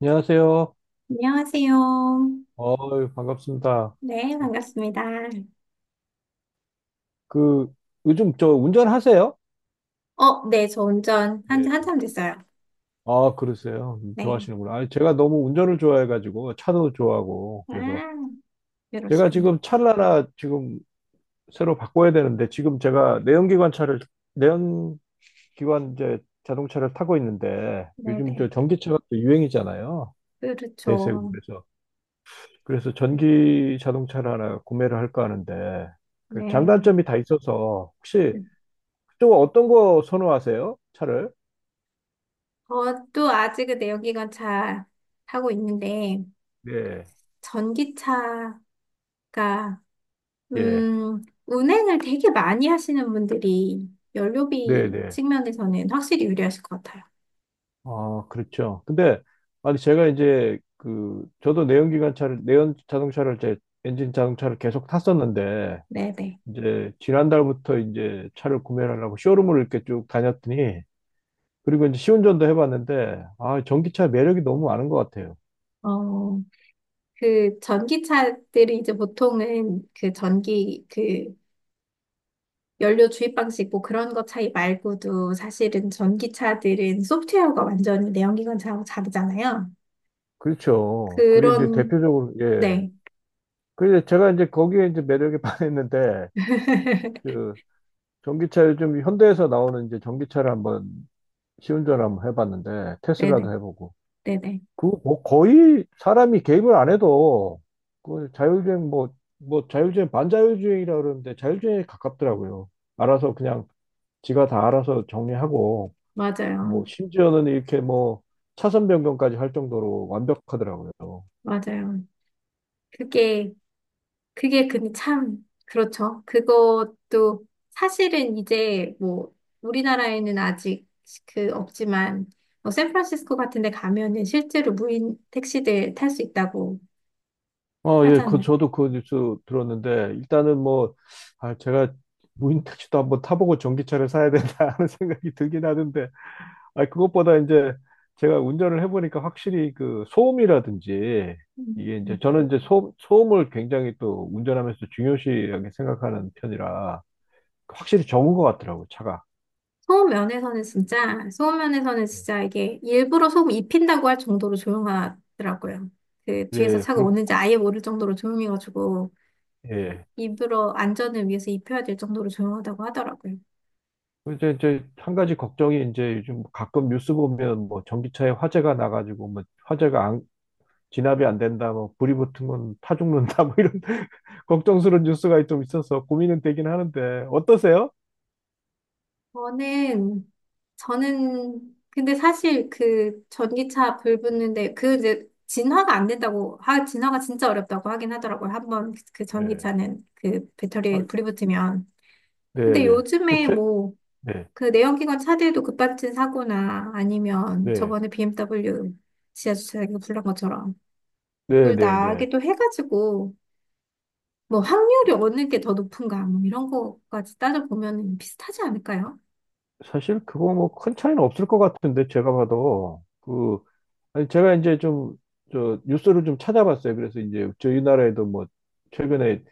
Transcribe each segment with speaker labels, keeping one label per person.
Speaker 1: 안녕하세요.
Speaker 2: 안녕하세요.
Speaker 1: 어유, 반갑습니다.
Speaker 2: 네, 반갑습니다.
Speaker 1: 그, 요즘 저 운전하세요?
Speaker 2: 어, 네, 저 운전
Speaker 1: 네.
Speaker 2: 한참 됐어요.
Speaker 1: 아, 그러세요.
Speaker 2: 네.
Speaker 1: 좋아하시는구나. 아니, 제가 너무 운전을 좋아해가지고, 차도 좋아하고, 그래서
Speaker 2: 아,
Speaker 1: 제가
Speaker 2: 이러시구나.
Speaker 1: 지금 차를 하나 지금 새로 바꿔야 되는데, 지금 제가 내연기관 내연기관 이제 자동차를 타고 있는데, 요즘 저
Speaker 2: 네네.
Speaker 1: 전기차가 또 유행이잖아요. 대세고,
Speaker 2: 그렇죠.
Speaker 1: 그래서. 그래서 전기 자동차를 하나 구매를 할까 하는데, 그
Speaker 2: 네.
Speaker 1: 장단점이 다 있어서, 혹시 좀 어떤 거 선호하세요? 차를?
Speaker 2: 저도 아직은 내연기관차 타고 있는데,
Speaker 1: 네,
Speaker 2: 전기차가,
Speaker 1: 예,
Speaker 2: 운행을 되게 많이 하시는 분들이
Speaker 1: 네,
Speaker 2: 연료비
Speaker 1: 네.
Speaker 2: 측면에서는 확실히 유리하실 것 같아요.
Speaker 1: 아, 그렇죠. 근데 아니 제가 이제 그 저도 내연기관차를 내연 자동차를 이제 엔진 자동차를 계속 탔었는데
Speaker 2: 네네.
Speaker 1: 이제 지난달부터 이제 차를 구매를 하려고 쇼룸을 이렇게 쭉 다녔더니, 그리고 이제 시운전도 해봤는데, 아, 전기차 매력이 너무 많은 것 같아요.
Speaker 2: 어, 그 전기차들이 이제 보통은 그 전기 그 연료 주입 방식 뭐 그런 것 차이 말고도 사실은 전기차들은 소프트웨어가 완전히 내연기관 차하고 다르잖아요.
Speaker 1: 그렇죠. 그게 이제
Speaker 2: 그런
Speaker 1: 대표적으로 예.
Speaker 2: 네.
Speaker 1: 그래서 제가 이제 거기에 이제 매력에 반했는데, 전기차 요즘 현대에서 나오는 이제 전기차를 한번 시운전을 한번 해봤는데,
Speaker 2: 네네.
Speaker 1: 테슬라도 해보고,
Speaker 2: 네네.
Speaker 1: 그 뭐 거의 사람이 개입을 안 해도 그 자율주행 뭐 자율주행 반자율주행이라 그러는데 자율주행에 가깝더라고요. 알아서 그냥 지가 다 알아서 정리하고
Speaker 2: 맞아요.
Speaker 1: 뭐 심지어는 이렇게 뭐 차선 변경까지 할 정도로 완벽하더라고요.
Speaker 2: 맞아요. 그게 그게 근데 참, 그렇죠. 그것도 사실은 이제 뭐 우리나라에는 아직 그 없지만 뭐 샌프란시스코 같은 데 가면은 실제로 무인 택시들 탈 수 있다고
Speaker 1: 어, 예, 그
Speaker 2: 하잖아요.
Speaker 1: 저도 그 뉴스 들었는데, 일단은 뭐, 아, 제가 무인 택시도 한번 타보고 전기차를 사야 된다 하는 생각이 들긴 하는데, 아니, 그것보다 이제 제가 운전을 해보니까 확실히 그 소음이라든지
Speaker 2: 음.
Speaker 1: 이게 이제 저는 이제 소음을 굉장히 또 운전하면서 중요시하게 생각하는 편이라 그 확실히 적은 것 같더라고요, 차가.
Speaker 2: 소음 면에서는 진짜, 소음 면에서는
Speaker 1: 예,
Speaker 2: 진짜 이게 일부러 소음 입힌다고 할 정도로 조용하더라고요. 그 뒤에서
Speaker 1: 예,
Speaker 2: 차가
Speaker 1: 그렇,
Speaker 2: 오는지 아예 모를 정도로 조용해가지고
Speaker 1: 예.
Speaker 2: 일부러 안전을 위해서 입혀야 될 정도로 조용하다고 하더라고요.
Speaker 1: 이제 한 가지 걱정이 이제 요즘 가끔 뉴스 보면 뭐 전기차에 화재가 나가지고 뭐 화재가 안, 진압이 안 된다, 뭐 불이 붙으면 타 죽는다, 뭐 이런 걱정스러운 뉴스가 좀 있어서 고민은 되긴 하는데 어떠세요?
Speaker 2: 저는 저는 근데 사실 그 전기차 불 붙는데 그 이제 진화가 안 된다고 하 진화가 진짜 어렵다고 하긴 하더라고요. 한번 그
Speaker 1: 예.
Speaker 2: 전기차는 그
Speaker 1: 아,
Speaker 2: 배터리에 불이 붙으면.
Speaker 1: 네,
Speaker 2: 근데
Speaker 1: 네.
Speaker 2: 요즘에 뭐
Speaker 1: 네,
Speaker 2: 그 내연기관 차들도 급발진 사고나 아니면
Speaker 1: 네,
Speaker 2: 저번에 BMW 지하주차장에서 불난 것처럼
Speaker 1: 네,
Speaker 2: 불
Speaker 1: 네, 네.
Speaker 2: 나기도 해가지고 뭐 확률이 어느 게 더 높은가 뭐 이런 거까지 따져보면 비슷하지 않을까요?
Speaker 1: 사실 그거 뭐 큰 차이는 없을 것 같은데, 제가 봐도 그, 아니 제가 이제 좀 저 뉴스를 좀 찾아봤어요. 그래서 이제 저희 나라에도 뭐 최근에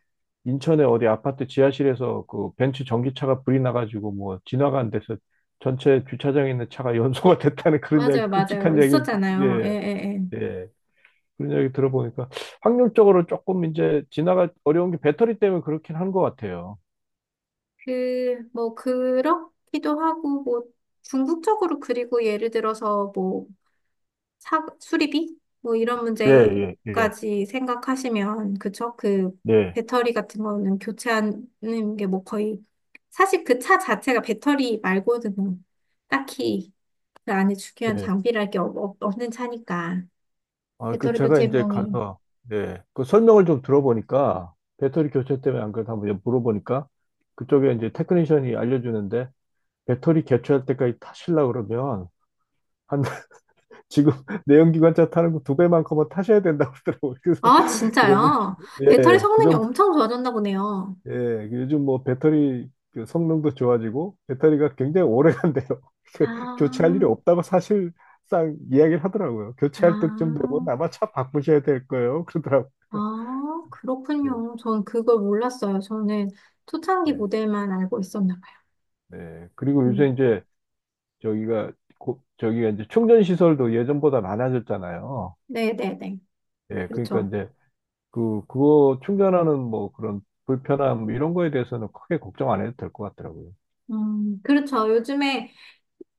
Speaker 1: 인천의 어디 아파트 지하실에서 그 벤츠 전기차가 불이 나가지고 뭐 진화가 안 돼서 전체 주차장에 있는 차가 연소가 됐다는 그런 이야기,
Speaker 2: 맞아요, 맞아요.
Speaker 1: 끔찍한 이야기를 듣-
Speaker 2: 있었잖아요. 예, 예,
Speaker 1: 예,
Speaker 2: 예.
Speaker 1: 예. 그런 이야기 들어보니까 확률적으로 조금 이제 진화가 어려운 게 배터리 때문에 그렇긴 한 것 같아요.
Speaker 2: 그, 뭐, 그렇기도 하고, 뭐, 궁극적으로 그리고 예를 들어서 뭐, 수리비? 뭐, 이런
Speaker 1: 예, 예, 예.
Speaker 2: 문제까지 생각하시면, 그쵸? 그,
Speaker 1: 네.
Speaker 2: 배터리 같은 거는 교체하는 게 뭐 거의, 사실 그 차 자체가 배터리 말고는 뭐, 딱히 그 안에 중요한
Speaker 1: 네.
Speaker 2: 장비랄 게 없는 차니까.
Speaker 1: 아, 그
Speaker 2: 배터리
Speaker 1: 제가
Speaker 2: 교체
Speaker 1: 이제
Speaker 2: 비용이.
Speaker 1: 가서, 네, 그 설명을 좀 들어보니까, 배터리 교체 때문에 안 그래도 한번 물어보니까 그쪽에 이제 테크니션이 알려주는데, 배터리 교체할 때까지 타실라 그러면 한 지금 내연기관차 타는 거 두 배만큼은 타셔야 된다고 그러더라고요. 그래서
Speaker 2: 아,
Speaker 1: 그러면,
Speaker 2: 진짜요? 배터리
Speaker 1: 예, 그
Speaker 2: 성능이
Speaker 1: 정도.
Speaker 2: 엄청 좋아졌나 보네요.
Speaker 1: 예, 요즘 뭐 배터리 그 성능도 좋아지고 배터리가 굉장히 오래 간대요.
Speaker 2: 아,
Speaker 1: 그 교체할 일이 없다고 사실상 이야기를 하더라고요. 교체할 때쯤 되면
Speaker 2: 아.
Speaker 1: 아마 차 바꾸셔야 될 거예요, 그러더라고요.
Speaker 2: 아,
Speaker 1: 네,
Speaker 2: 그렇군요. 전 그걸 몰랐어요. 저는 초창기
Speaker 1: 네,
Speaker 2: 모델만 알고 있었나 봐요.
Speaker 1: 네. 그리고 요새
Speaker 2: 음,
Speaker 1: 이제 저기가 고- 저기가 이제 충전 시설도 예전보다 많아졌잖아요.
Speaker 2: 네네네.
Speaker 1: 예, 그러니까
Speaker 2: 그렇죠.
Speaker 1: 이제 그 그거 충전하는 뭐 그런 불편함 이런 거에 대해서는 크게 걱정 안 해도 될 것 같더라고요.
Speaker 2: 그렇죠. 요즘에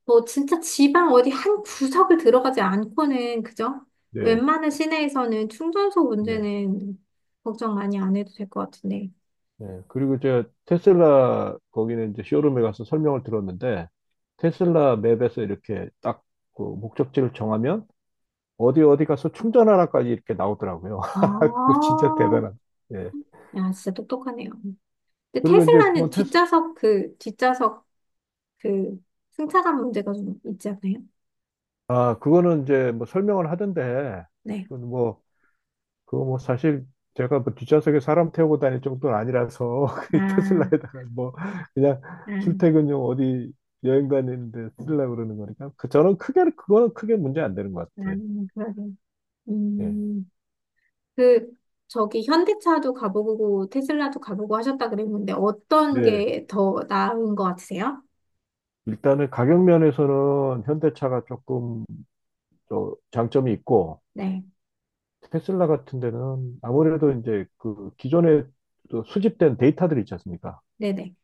Speaker 2: 뭐 진짜 지방 어디 한 구석을 들어가지 않고는, 그죠?
Speaker 1: 네,
Speaker 2: 웬만한 시내에서는 충전소
Speaker 1: 네,
Speaker 2: 문제는 걱정 많이 안 해도 될 것 같은데.
Speaker 1: 네. 그리고 제가 테슬라 거기는 이제 쇼룸에 가서 설명을 들었는데, 테슬라 맵에서 이렇게 딱 그 목적지를 정하면 어디 어디 가서 충전하라까지 이렇게 나오더라고요. 그거
Speaker 2: 아,
Speaker 1: 진짜 대단한. 예.
Speaker 2: 야, 진짜 똑똑하네요. 근데
Speaker 1: 그리고 이제
Speaker 2: 테슬라는
Speaker 1: 그건 테스
Speaker 2: 뒷좌석 그 승차감 문제가 좀 있지 않나요?
Speaker 1: 아, 그거는 이제 뭐 설명을 하던데,
Speaker 2: 네.
Speaker 1: 그건 뭐, 그거 뭐 사실 제가 뭐 뒷좌석에 사람 태우고 다닐 정도는 아니라서, 그
Speaker 2: 아,
Speaker 1: 테슬라에다가 뭐, 그냥
Speaker 2: 아.
Speaker 1: 출퇴근용 어디 여행 다니는데 쓰려고 그러는 거니까. 그, 저는 크게, 그거는 크게 문제 안 되는 것
Speaker 2: 아,
Speaker 1: 같아요.
Speaker 2: 그러게.
Speaker 1: 예.
Speaker 2: 음, 그, 저기 현대차도 가보고 테슬라도 가보고 하셨다 그랬는데 어떤
Speaker 1: 네.
Speaker 2: 게 더 나은 것 같으세요?
Speaker 1: 일단은 가격 면에서는 현대차가 조금 저 장점이 있고,
Speaker 2: 네,
Speaker 1: 테슬라 같은 데는 아무래도 이제 그 기존에 또 수집된 데이터들 있지 않습니까?
Speaker 2: 네네.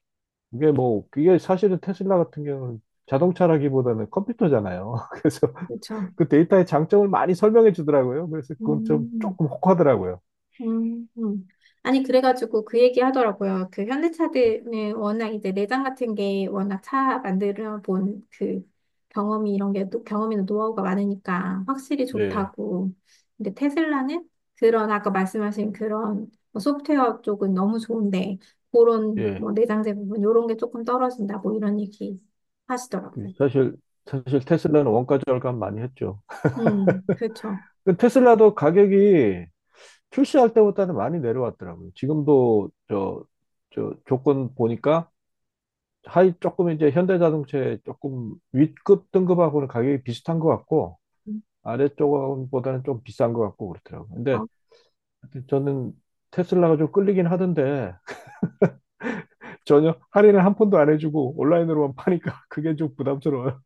Speaker 1: 이게 뭐, 이게 사실은 테슬라 같은 경우는 자동차라기보다는 컴퓨터잖아요. 그래서
Speaker 2: 그렇죠.
Speaker 1: 그 데이터의 장점을 많이 설명해 주더라고요. 그래서 그건 좀
Speaker 2: 음,
Speaker 1: 조금 혹하더라고요.
Speaker 2: 음, 음. 아니, 그래가지고 그 얘기 하더라고요. 그 현대차들은 워낙 이제 내장 같은 게 워낙 차 만들어 본 그 경험이나 노하우가 많으니까 확실히
Speaker 1: 예,
Speaker 2: 좋다고. 근데 테슬라는 그런 아까 말씀하신 그런 뭐 소프트웨어 쪽은 너무 좋은데 그런
Speaker 1: 예.
Speaker 2: 뭐 내장재 부분 이런 게 조금 떨어진다고 이런 얘기
Speaker 1: 그
Speaker 2: 하시더라고요.
Speaker 1: 사실, 사실 테슬라는 원가 절감 많이 했죠.
Speaker 2: 그렇죠.
Speaker 1: 그 테슬라도 가격이 출시할 때보다는 많이 내려왔더라고요. 지금도 저, 저 조건 보니까 하이 조금 이제 현대자동차에 조금 윗급 등급하고는 가격이 비슷한 것 같고,
Speaker 2: 음.
Speaker 1: 아래쪽보다는 좀 비싼 것 같고 그렇더라고요. 근데
Speaker 2: 어.
Speaker 1: 저는 테슬라가 좀 끌리긴 하던데 전혀 할인을 한 푼도 안 해주고 온라인으로만 파니까 그게 좀 부담스러워요.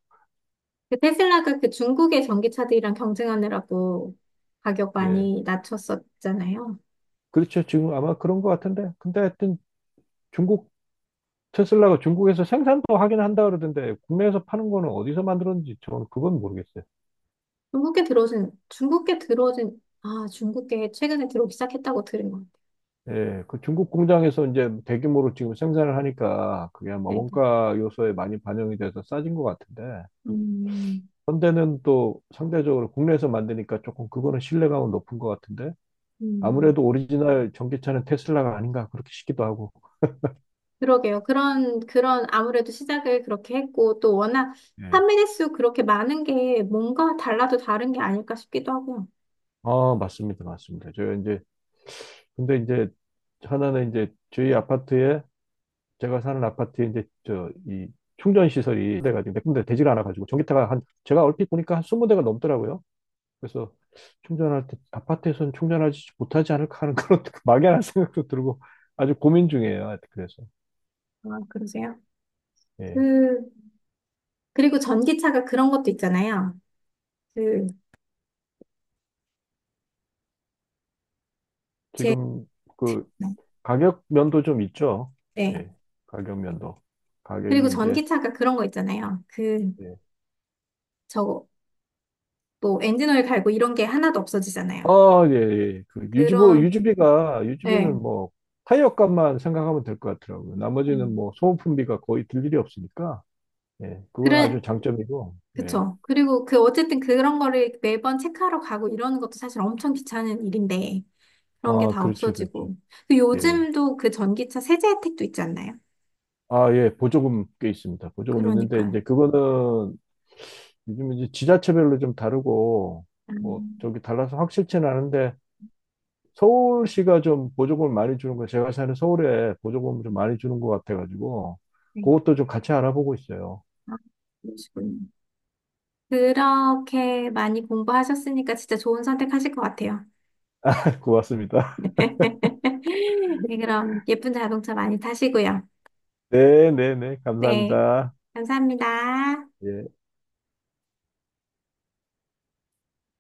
Speaker 2: 그 테슬라가 그 중국의 전기차들이랑 경쟁하느라고 가격
Speaker 1: 예.
Speaker 2: 많이 낮췄었잖아요.
Speaker 1: 그렇죠. 지금 아마 그런 것 같은데. 근데 하여튼 중국 테슬라가 중국에서 생산도 하긴 한다 그러던데 국내에서 파는 거는 어디서 만들었는지 저는 그건 모르겠어요.
Speaker 2: 중국계 최근에 들어오기 시작했다고 들은 것 같아요.
Speaker 1: 예. 그 중국 공장에서 이제 대규모로 지금 생산을 하니까 그게 아마
Speaker 2: 네, 네.
Speaker 1: 원가 요소에 많이 반영이 돼서 싸진 것 같은데.
Speaker 2: 음,
Speaker 1: 현대는 또 상대적으로 국내에서 만드니까 조금 그거는 신뢰감은 높은 것 같은데.
Speaker 2: 음.
Speaker 1: 아무래도 오리지널 전기차는 테슬라가 아닌가 그렇게 싶기도 하고.
Speaker 2: 그러게요. 아무래도 시작을 그렇게 했고, 또 워낙
Speaker 1: 예.
Speaker 2: 판매대 수 그렇게 많은 게 뭔가 달라도 다른 게 아닐까 싶기도 하고요.
Speaker 1: 아, 맞습니다. 맞습니다. 저 이제 근데 이제 하나는 이제 저희 아파트에, 제가 사는 아파트에 이제 저 이 충전 시설이 돼 가지고 몇 군데 되지가 않아 가지고 전기차가 한 제가 얼핏 보니까 한 20대가 넘더라고요. 그래서 충전할 때 아파트에서는 충전하지 못하지 않을까 하는 그런 막연한 생각도 들고 아주 고민 중이에요. 하여튼 그래서
Speaker 2: 아, 그러세요?
Speaker 1: 예.
Speaker 2: 그, 그리고 전기차가 그런 것도 있잖아요. 그, 제,
Speaker 1: 지금 그 가격 면도 좀 있죠.
Speaker 2: 네.
Speaker 1: 예. 가격 면도.
Speaker 2: 그리고
Speaker 1: 가격이 이제
Speaker 2: 전기차가 그런 거 있잖아요. 그,
Speaker 1: 예.
Speaker 2: 저거, 뭐, 엔진오일 갈고 이런 게 하나도 없어지잖아요.
Speaker 1: 아, 예, 예. 그
Speaker 2: 그런,
Speaker 1: 유지비가,
Speaker 2: 예.
Speaker 1: 유지비는 뭐, 타이어 값만 생각하면 될 것 같더라고요. 나머지는
Speaker 2: 예.
Speaker 1: 뭐, 소모품비가 거의 들 일이 없으니까, 예. 그건
Speaker 2: 그래,
Speaker 1: 아주 장점이고, 예.
Speaker 2: 그쵸. 그리고 그, 어쨌든 그런 거를 매번 체크하러 가고 이러는 것도 사실 엄청 귀찮은 일인데, 그런 게
Speaker 1: 아,
Speaker 2: 다
Speaker 1: 그렇죠, 그렇죠.
Speaker 2: 없어지고. 그
Speaker 1: 예.
Speaker 2: 요즘도 그 전기차 세제 혜택도 있지 않나요?
Speaker 1: 아, 예. 보조금 꽤 있습니다. 보조금 있는데,
Speaker 2: 그러니까요.
Speaker 1: 이제 그거는 요즘 이제 지자체별로 좀 다르고, 뭐,
Speaker 2: 음,
Speaker 1: 저기 달라서 확실치는 않은데, 서울시가 좀 보조금을 많이 주는 거, 제가 사는 서울에 보조금을 좀 많이 주는 것 같아가지고,
Speaker 2: 네.
Speaker 1: 그것도 좀 같이 알아보고 있어요.
Speaker 2: 아, 그러시군요. 그렇게 많이 공부하셨으니까 진짜 좋은 선택하실 것 같아요.
Speaker 1: 고맙습니다.
Speaker 2: 네, 그럼 예쁜 자동차 많이 타시고요.
Speaker 1: 네, 네, 네.
Speaker 2: 네,
Speaker 1: 감사합니다.
Speaker 2: 감사합니다.
Speaker 1: 예.